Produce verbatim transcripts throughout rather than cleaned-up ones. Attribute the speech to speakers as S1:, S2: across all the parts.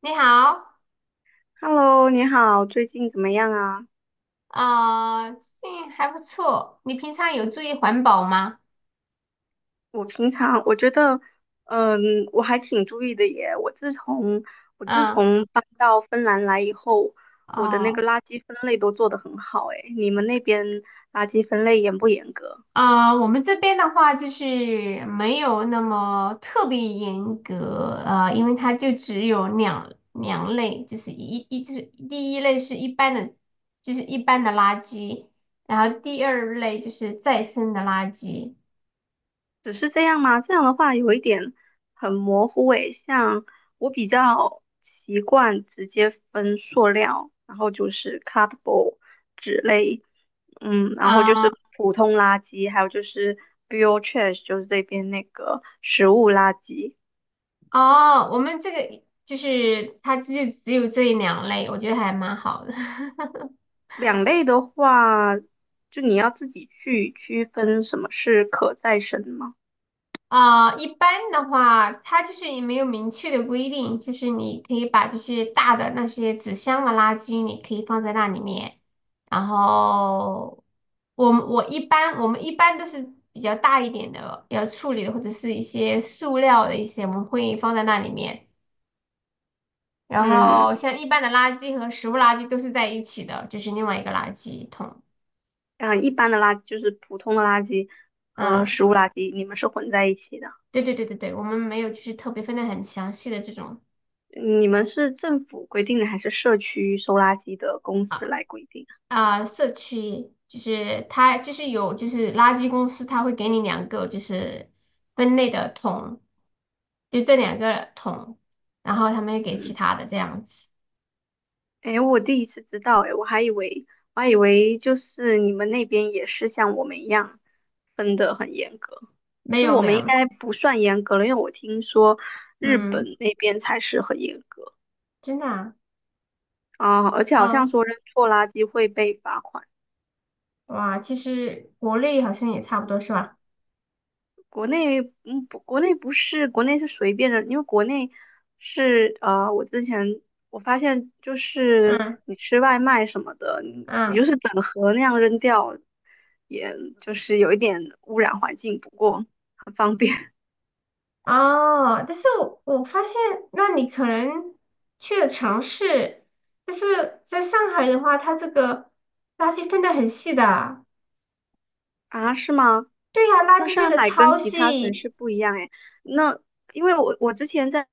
S1: 你好，
S2: Hello，你好，最近怎么样啊？
S1: 啊，最近还不错。你平常有注意环保吗？
S2: 我平常我觉得，嗯，我还挺注意的耶。我自从我自
S1: 嗯，
S2: 从搬到芬兰来以后，我的那个
S1: 哦，
S2: 垃圾分类都做得很好诶。你们那边垃圾分类严不严格？
S1: 啊，我们这边的话就是没有那么特别严格，呃，因为它就只有两两类，就是一一就是第一类是一般的，就是一般的垃圾，然后第二类就是再生的垃圾。
S2: 只是这样吗？这样的话有一点很模糊诶，像我比较习惯直接分塑料，然后就是 cardboard 纸类，嗯，然后就
S1: 啊，
S2: 是普通垃圾，还有就是 bio trash，就是这边那个食物垃圾。
S1: 哦，我们这个就是它就只有这两类，我觉得还蛮好的。
S2: 两类的话，就你要自己去区分什么是可再生吗？
S1: 啊，一般的话，它就是也没有明确的规定，就是你可以把这些大的那些纸箱的垃圾，你可以放在那里面。然后我们我一般我们一般都是比较大一点的要处理的，或者是一些塑料的一些，我们会放在那里面。然
S2: 嗯，
S1: 后像一般的垃圾和食物垃圾都是在一起的，就是另外一个垃圾桶。
S2: 嗯，一般的垃圾就是普通的垃圾和
S1: 嗯，
S2: 食物垃圾，你们是混在一起的。
S1: 对对对对对，我们没有就是特别分的很详细的这种。
S2: 你们是政府规定的，还是社区收垃圾的公司来规定？
S1: 啊，社区就是它就是有就是垃圾公司，它会给你两个就是分类的桶，就这两个桶，然后他们又给其
S2: 嗯，
S1: 他的这样子。
S2: 哎，我第一次知道，哎，我还以为我还以为就是你们那边也是像我们一样分得很严格。其
S1: 没
S2: 实
S1: 有
S2: 我
S1: 没
S2: 们应
S1: 有，
S2: 该不算严格了，因为我听说日本
S1: 嗯，
S2: 那边才是很严格
S1: 真的啊，
S2: 啊，而且好像
S1: 啊，
S2: 说扔错垃圾会被罚款。
S1: 哇，其实国内好像也差不多是吧？
S2: 国内，嗯，不，国内不是，国内是随便的，因为国内是，呃，我之前我发现就是
S1: 嗯
S2: 你吃外卖什么的，你你
S1: 嗯，
S2: 就是整盒那样扔掉，也就是有一点污染环境，不过很方便。
S1: 哦，但是我我发现，那你可能去的城市，但是在上海的话，它这个垃圾分得很细的。
S2: 啊，是吗？
S1: 对呀，垃
S2: 那
S1: 圾分
S2: 上
S1: 的
S2: 海跟
S1: 超
S2: 其他城
S1: 细，
S2: 市不一样诶，那因为我我之前在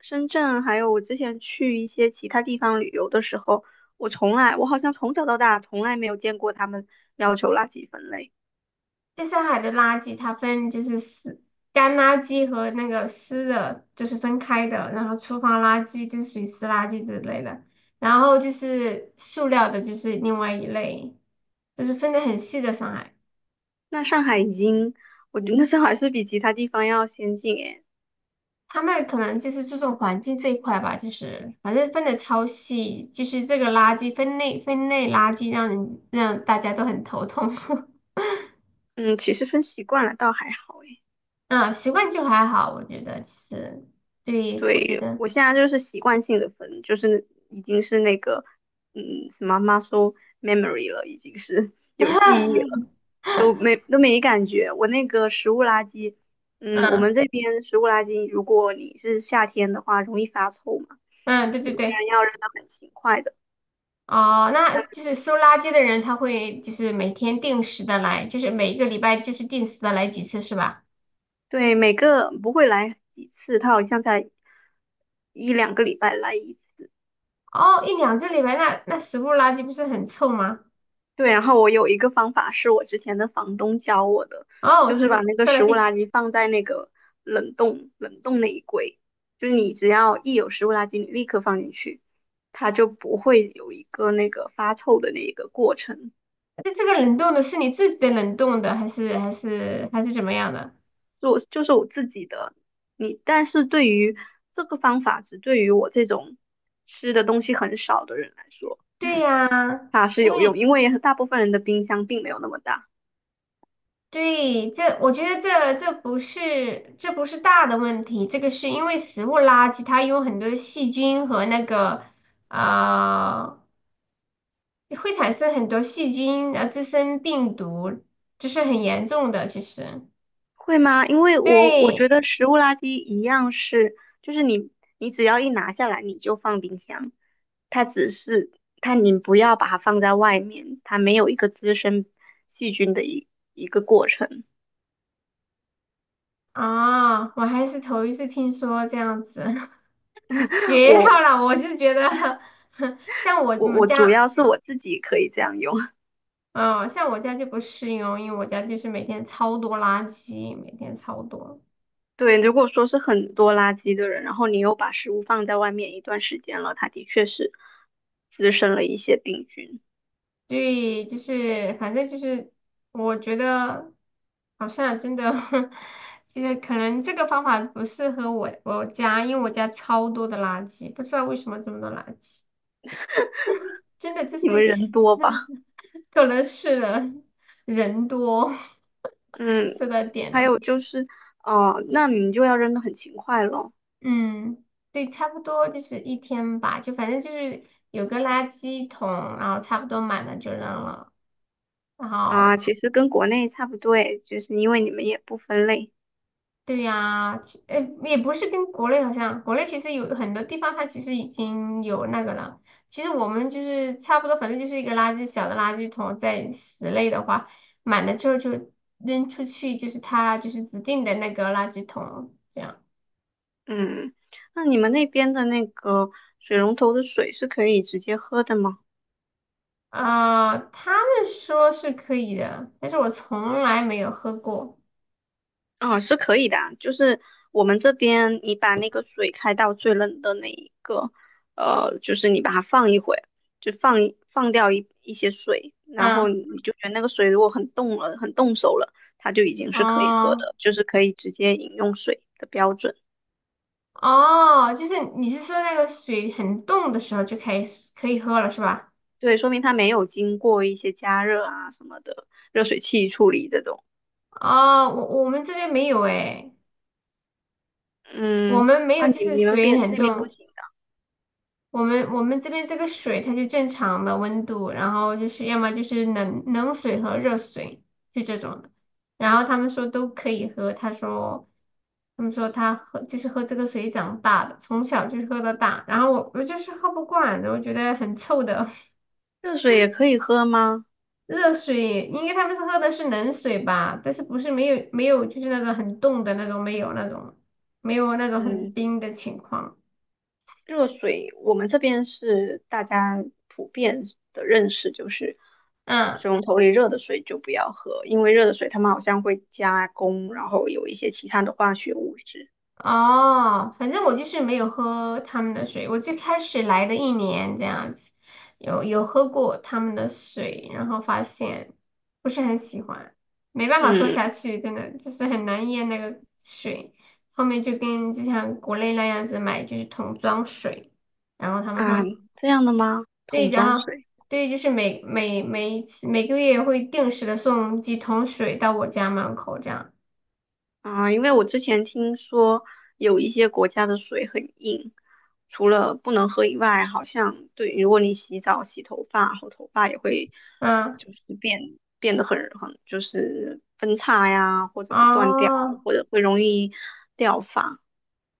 S2: 深圳，还有我之前去一些其他地方旅游的时候，我从来，我好像从小到大从来没有见过他们要求垃圾分类。
S1: 在上海的垃圾它分就是湿干垃圾和那个湿的，就是分开的，然后厨房垃圾就是属于湿垃圾之类的，然后就是塑料的，就是另外一类，就是分的很细的上海，
S2: 那上海已经，我觉得上海是比其他地方要先进诶。
S1: 他们可能就是注重环境这一块吧，就是反正分的超细，就是这个垃圾分类分类垃圾让人让大家都很头痛。
S2: 嗯，其实分习惯了倒还好诶。
S1: 嗯，习惯就还好，我觉得就是对，我觉
S2: 对，
S1: 得。
S2: 我现在就是习惯性的分，就是已经是那个，嗯，什么 muscle memory 了，已经是 有记忆了。
S1: 嗯
S2: 都没都没感觉。我那个食物垃圾，嗯，我们这边食物垃圾，如果你是夏天的话，容易发臭嘛，
S1: 嗯，对
S2: 有
S1: 对
S2: 些
S1: 对，
S2: 人要扔的很勤快的。
S1: 哦，那就是收垃圾的人，他会就是每天定时的来，就是每一个礼拜就是定时的来几次是吧？
S2: 对，每个不会来几次，他好像才一两个礼拜来一次。
S1: 哦，一两个礼拜，那那食物垃圾不是很臭吗？
S2: 对，然后我有一个方法是我之前的房东教我的，就
S1: 哦，
S2: 是
S1: 这
S2: 把那个
S1: 说来
S2: 食物
S1: 听，
S2: 垃圾放在那个冷冻冷冻那一柜，就是你只要一有食物垃圾，你立刻放进去，它就不会有一个那个发臭的那一个过程。
S1: 那这个冷冻的是你自己的冷冻的，还是还是还是怎么样的？
S2: 就我就是我自己的，你但是对于这个方法，只对于我这种吃的东西很少的人来说，
S1: 对呀，
S2: 它是
S1: 因
S2: 有用，
S1: 为
S2: 因为大部分人的冰箱并没有那么大。
S1: 对，这我觉得这这不是这不是大的问题，这个是因为食物垃圾它有很多细菌和那个呃会产生很多细菌，然后滋生病毒，这是很严重的。其实
S2: 会吗？因为我我觉
S1: 对
S2: 得食物垃圾一样是，就是你你只要一拿下来，你就放冰箱，它只是它你不要把它放在外面，它没有一个滋生细菌的一一个过程。
S1: 啊，我还是头一次听说这样子，学
S2: 我
S1: 到了，我就觉得 像我
S2: 我
S1: 们
S2: 我主
S1: 家，
S2: 要是我自己可以这样用。
S1: 嗯，像我家就不适用，因为我家就是每天超多垃圾，每天超多。
S2: 对，如果说是很多垃圾的人，然后你又把食物放在外面一段时间了，它的确是滋生了一些病菌。
S1: 对，就是反正就是我觉得好像真的 就是可能这个方法不适合我我家，因为我家超多的垃圾，不知道为什么这么多垃圾，真的就
S2: 你们
S1: 是
S2: 人多吧？
S1: 可能是人人多。
S2: 嗯，
S1: 是到点
S2: 还
S1: 了。
S2: 有就是，哦，那你就要扔的很勤快咯。
S1: 嗯，对，差不多就是一天吧，就反正就是有个垃圾桶，然后差不多满了就扔了，然后。
S2: 啊，其实跟国内差不多诶，就是因为你们也不分类。
S1: 对呀，其呃，也不是跟国内好像，国内其实有很多地方它其实已经有那个了。其实我们就是差不多，反正就是一个垃圾小的垃圾桶，在室内的话，满了之后就扔出去，就是它就是指定的那个垃圾桶这样。
S2: 嗯，那你们那边的那个水龙头的水是可以直接喝的吗？
S1: 啊，他们说是可以的，但是我从来没有喝过。
S2: 嗯，是可以的啊，就是我们这边你把那个水开到最冷的那一个，呃，就是你把它放一会，就放一放掉一一些水，然后
S1: 嗯，
S2: 你就觉得那个水如果很冻了，很冻手了，它就已经是可以喝
S1: 哦
S2: 的，就是可以直接饮用水的标准。
S1: 哦，就是你是说那个水很冻的时候就开始可以喝了是吧？
S2: 对，说明它没有经过一些加热啊什么的热水器处理这种。
S1: 哦，我我们这边没有诶，我
S2: 嗯，
S1: 们没有，
S2: 啊，
S1: 就
S2: 你
S1: 是
S2: 你们
S1: 水
S2: 边
S1: 很
S2: 那边不
S1: 冻。
S2: 行的，
S1: 我们我们这边这个水它就正常的温度，然后就是要么就是冷冷水和热水，就这种的。然后他们说都可以喝，他说他们说他喝就是喝这个水长大的，从小就是喝到大。然后我我就是喝不惯的，我觉得很臭的。
S2: 热水也可以喝吗？
S1: 热水，应该他们是喝的是冷水吧？但是不是没有没有就是那种很冻的那种，没有那种没有那种很
S2: 嗯。
S1: 冰的情况。
S2: 热水，我们这边是大家普遍的认识，就是
S1: 嗯，
S2: 水龙头里热的水就不要喝，因为热的水他们好像会加工，然后有一些其他的化学物质。
S1: 哦，反正我就是没有喝他们的水。我最开始来的一年这样子，有有喝过他们的水，然后发现不是很喜欢，没办法喝
S2: 嗯，
S1: 下去，真的就是很难咽那个水。后面就跟就像国内那样子买就是桶装水。然后他们
S2: 啊，
S1: 会
S2: 这样的吗？
S1: 对，
S2: 桶
S1: 的
S2: 装
S1: 哈，
S2: 水。
S1: 对，就是每每每次每个月会定时的送几桶水到我家门口这样。
S2: 啊，因为我之前听说有一些国家的水很硬，除了不能喝以外，好像对，如果你洗澡、洗头发后，头发也会
S1: 嗯，
S2: 就是变变得很很就是分叉呀，或者是断掉，
S1: 哦，
S2: 或者会容易掉发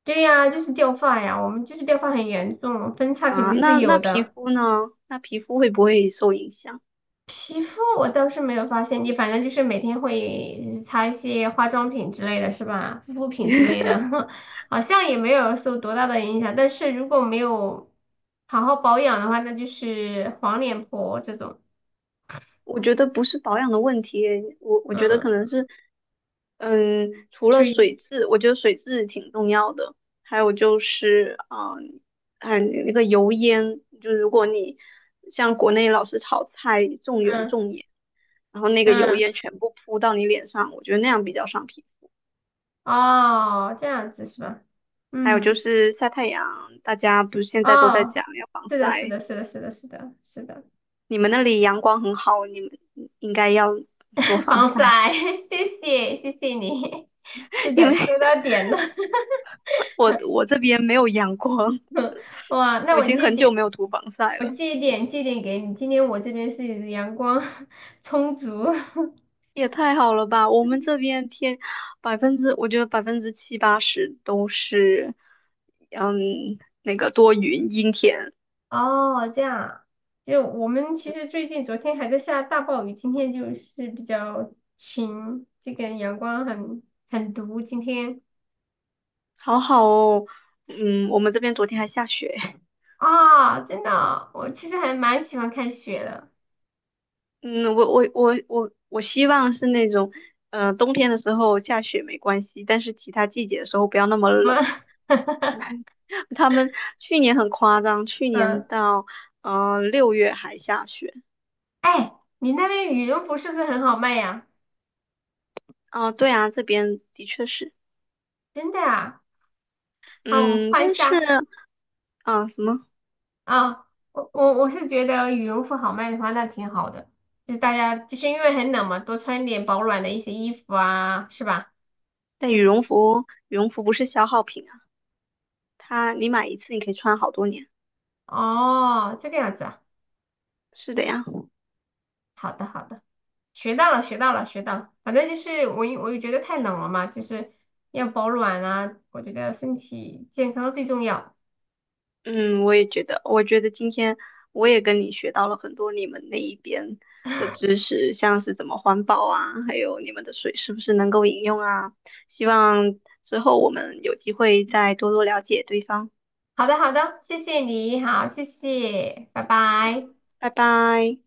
S1: 对呀，就是掉发呀，我们就是掉发很严重，分叉肯
S2: 啊。
S1: 定是
S2: 那那
S1: 有
S2: 皮
S1: 的。
S2: 肤呢？那皮肤会不会受影响？
S1: 皮肤我倒是没有发现，你反正就是每天会就是擦一些化妆品之类的是吧？护肤品之 类的，好像也没有受多大的影响。但是如果没有好好保养的话，那就是黄脸婆这种。
S2: 我觉得不是保养的问题，我我觉得可
S1: 嗯，
S2: 能是，嗯，除了
S1: 所以，
S2: 水质，我觉得水质挺重要的，还有就是，嗯，嗯，那个油烟，就是如果你像国内老是炒菜重油
S1: 嗯
S2: 重盐，然后那个油烟
S1: 嗯。
S2: 全部扑到你脸上，我觉得那样比较伤皮肤。
S1: 哦，这样子是吧？
S2: 还有就
S1: 嗯，
S2: 是晒太阳，大家不是现在都在
S1: 哦，
S2: 讲要防
S1: 是的，是
S2: 晒，
S1: 的，是的，是的，是的，是的，
S2: 你们那里阳光很好，你们应该要多 防晒，
S1: 防晒，谢谢，谢谢你，是
S2: 因为
S1: 的，说到点了，
S2: 我我这边没有阳光，
S1: 哇，那
S2: 我已
S1: 我
S2: 经
S1: 借一
S2: 很久
S1: 点，
S2: 没有涂防晒
S1: 我
S2: 了，
S1: 借一点，借一点给你。今天我这边是阳光 充足。
S2: 也太好了吧！我们这边天百分之，我觉得百分之七八十都是，嗯，那个多云阴天，
S1: 哦，这样啊。就我们其实最近昨天还在下大暴雨，今天就是比较晴，这个阳光很很毒，今天。
S2: 好好哦。嗯，我们这边昨天还下雪。
S1: 啊，真的哦，我其实还蛮喜欢看雪的。
S2: 嗯，我我我我我希望是那种，呃，冬天的时候下雪没关系，但是其他季节的时候不要那么
S1: 不，
S2: 冷。他们去年很夸张，去年
S1: 嗯，
S2: 到呃六月还下雪。
S1: 哎，你那边羽绒服是不是很好卖呀？
S2: 啊，对啊，这边的确是，
S1: 真的啊？好，我们
S2: 嗯，
S1: 换一
S2: 但是
S1: 下
S2: 啊，什么？
S1: 啊。我我我是觉得羽绒服好卖的话，那挺好的。就是大家就是因为很冷嘛，多穿一点保暖的一些衣服啊，是吧？
S2: 但羽
S1: 是
S2: 绒服，羽绒服不是消耗品啊，它你买一次你可以穿好多年。
S1: 哦，这个样子啊。
S2: 是的呀，
S1: 好的好的，学到了学到了学到了。反正就是我因我觉得太冷了嘛，就是要保暖啊。我觉得身体健康最重要。
S2: 嗯，我也觉得，我觉得今天我也跟你学到了很多你们那一边的知 识，像是怎么环保啊，还有你们的水是不是能够饮用啊？希望之后我们有机会再多多了解对方。
S1: 好的，好的，谢谢你，好，谢谢，拜
S2: 啊，
S1: 拜。
S2: 拜拜。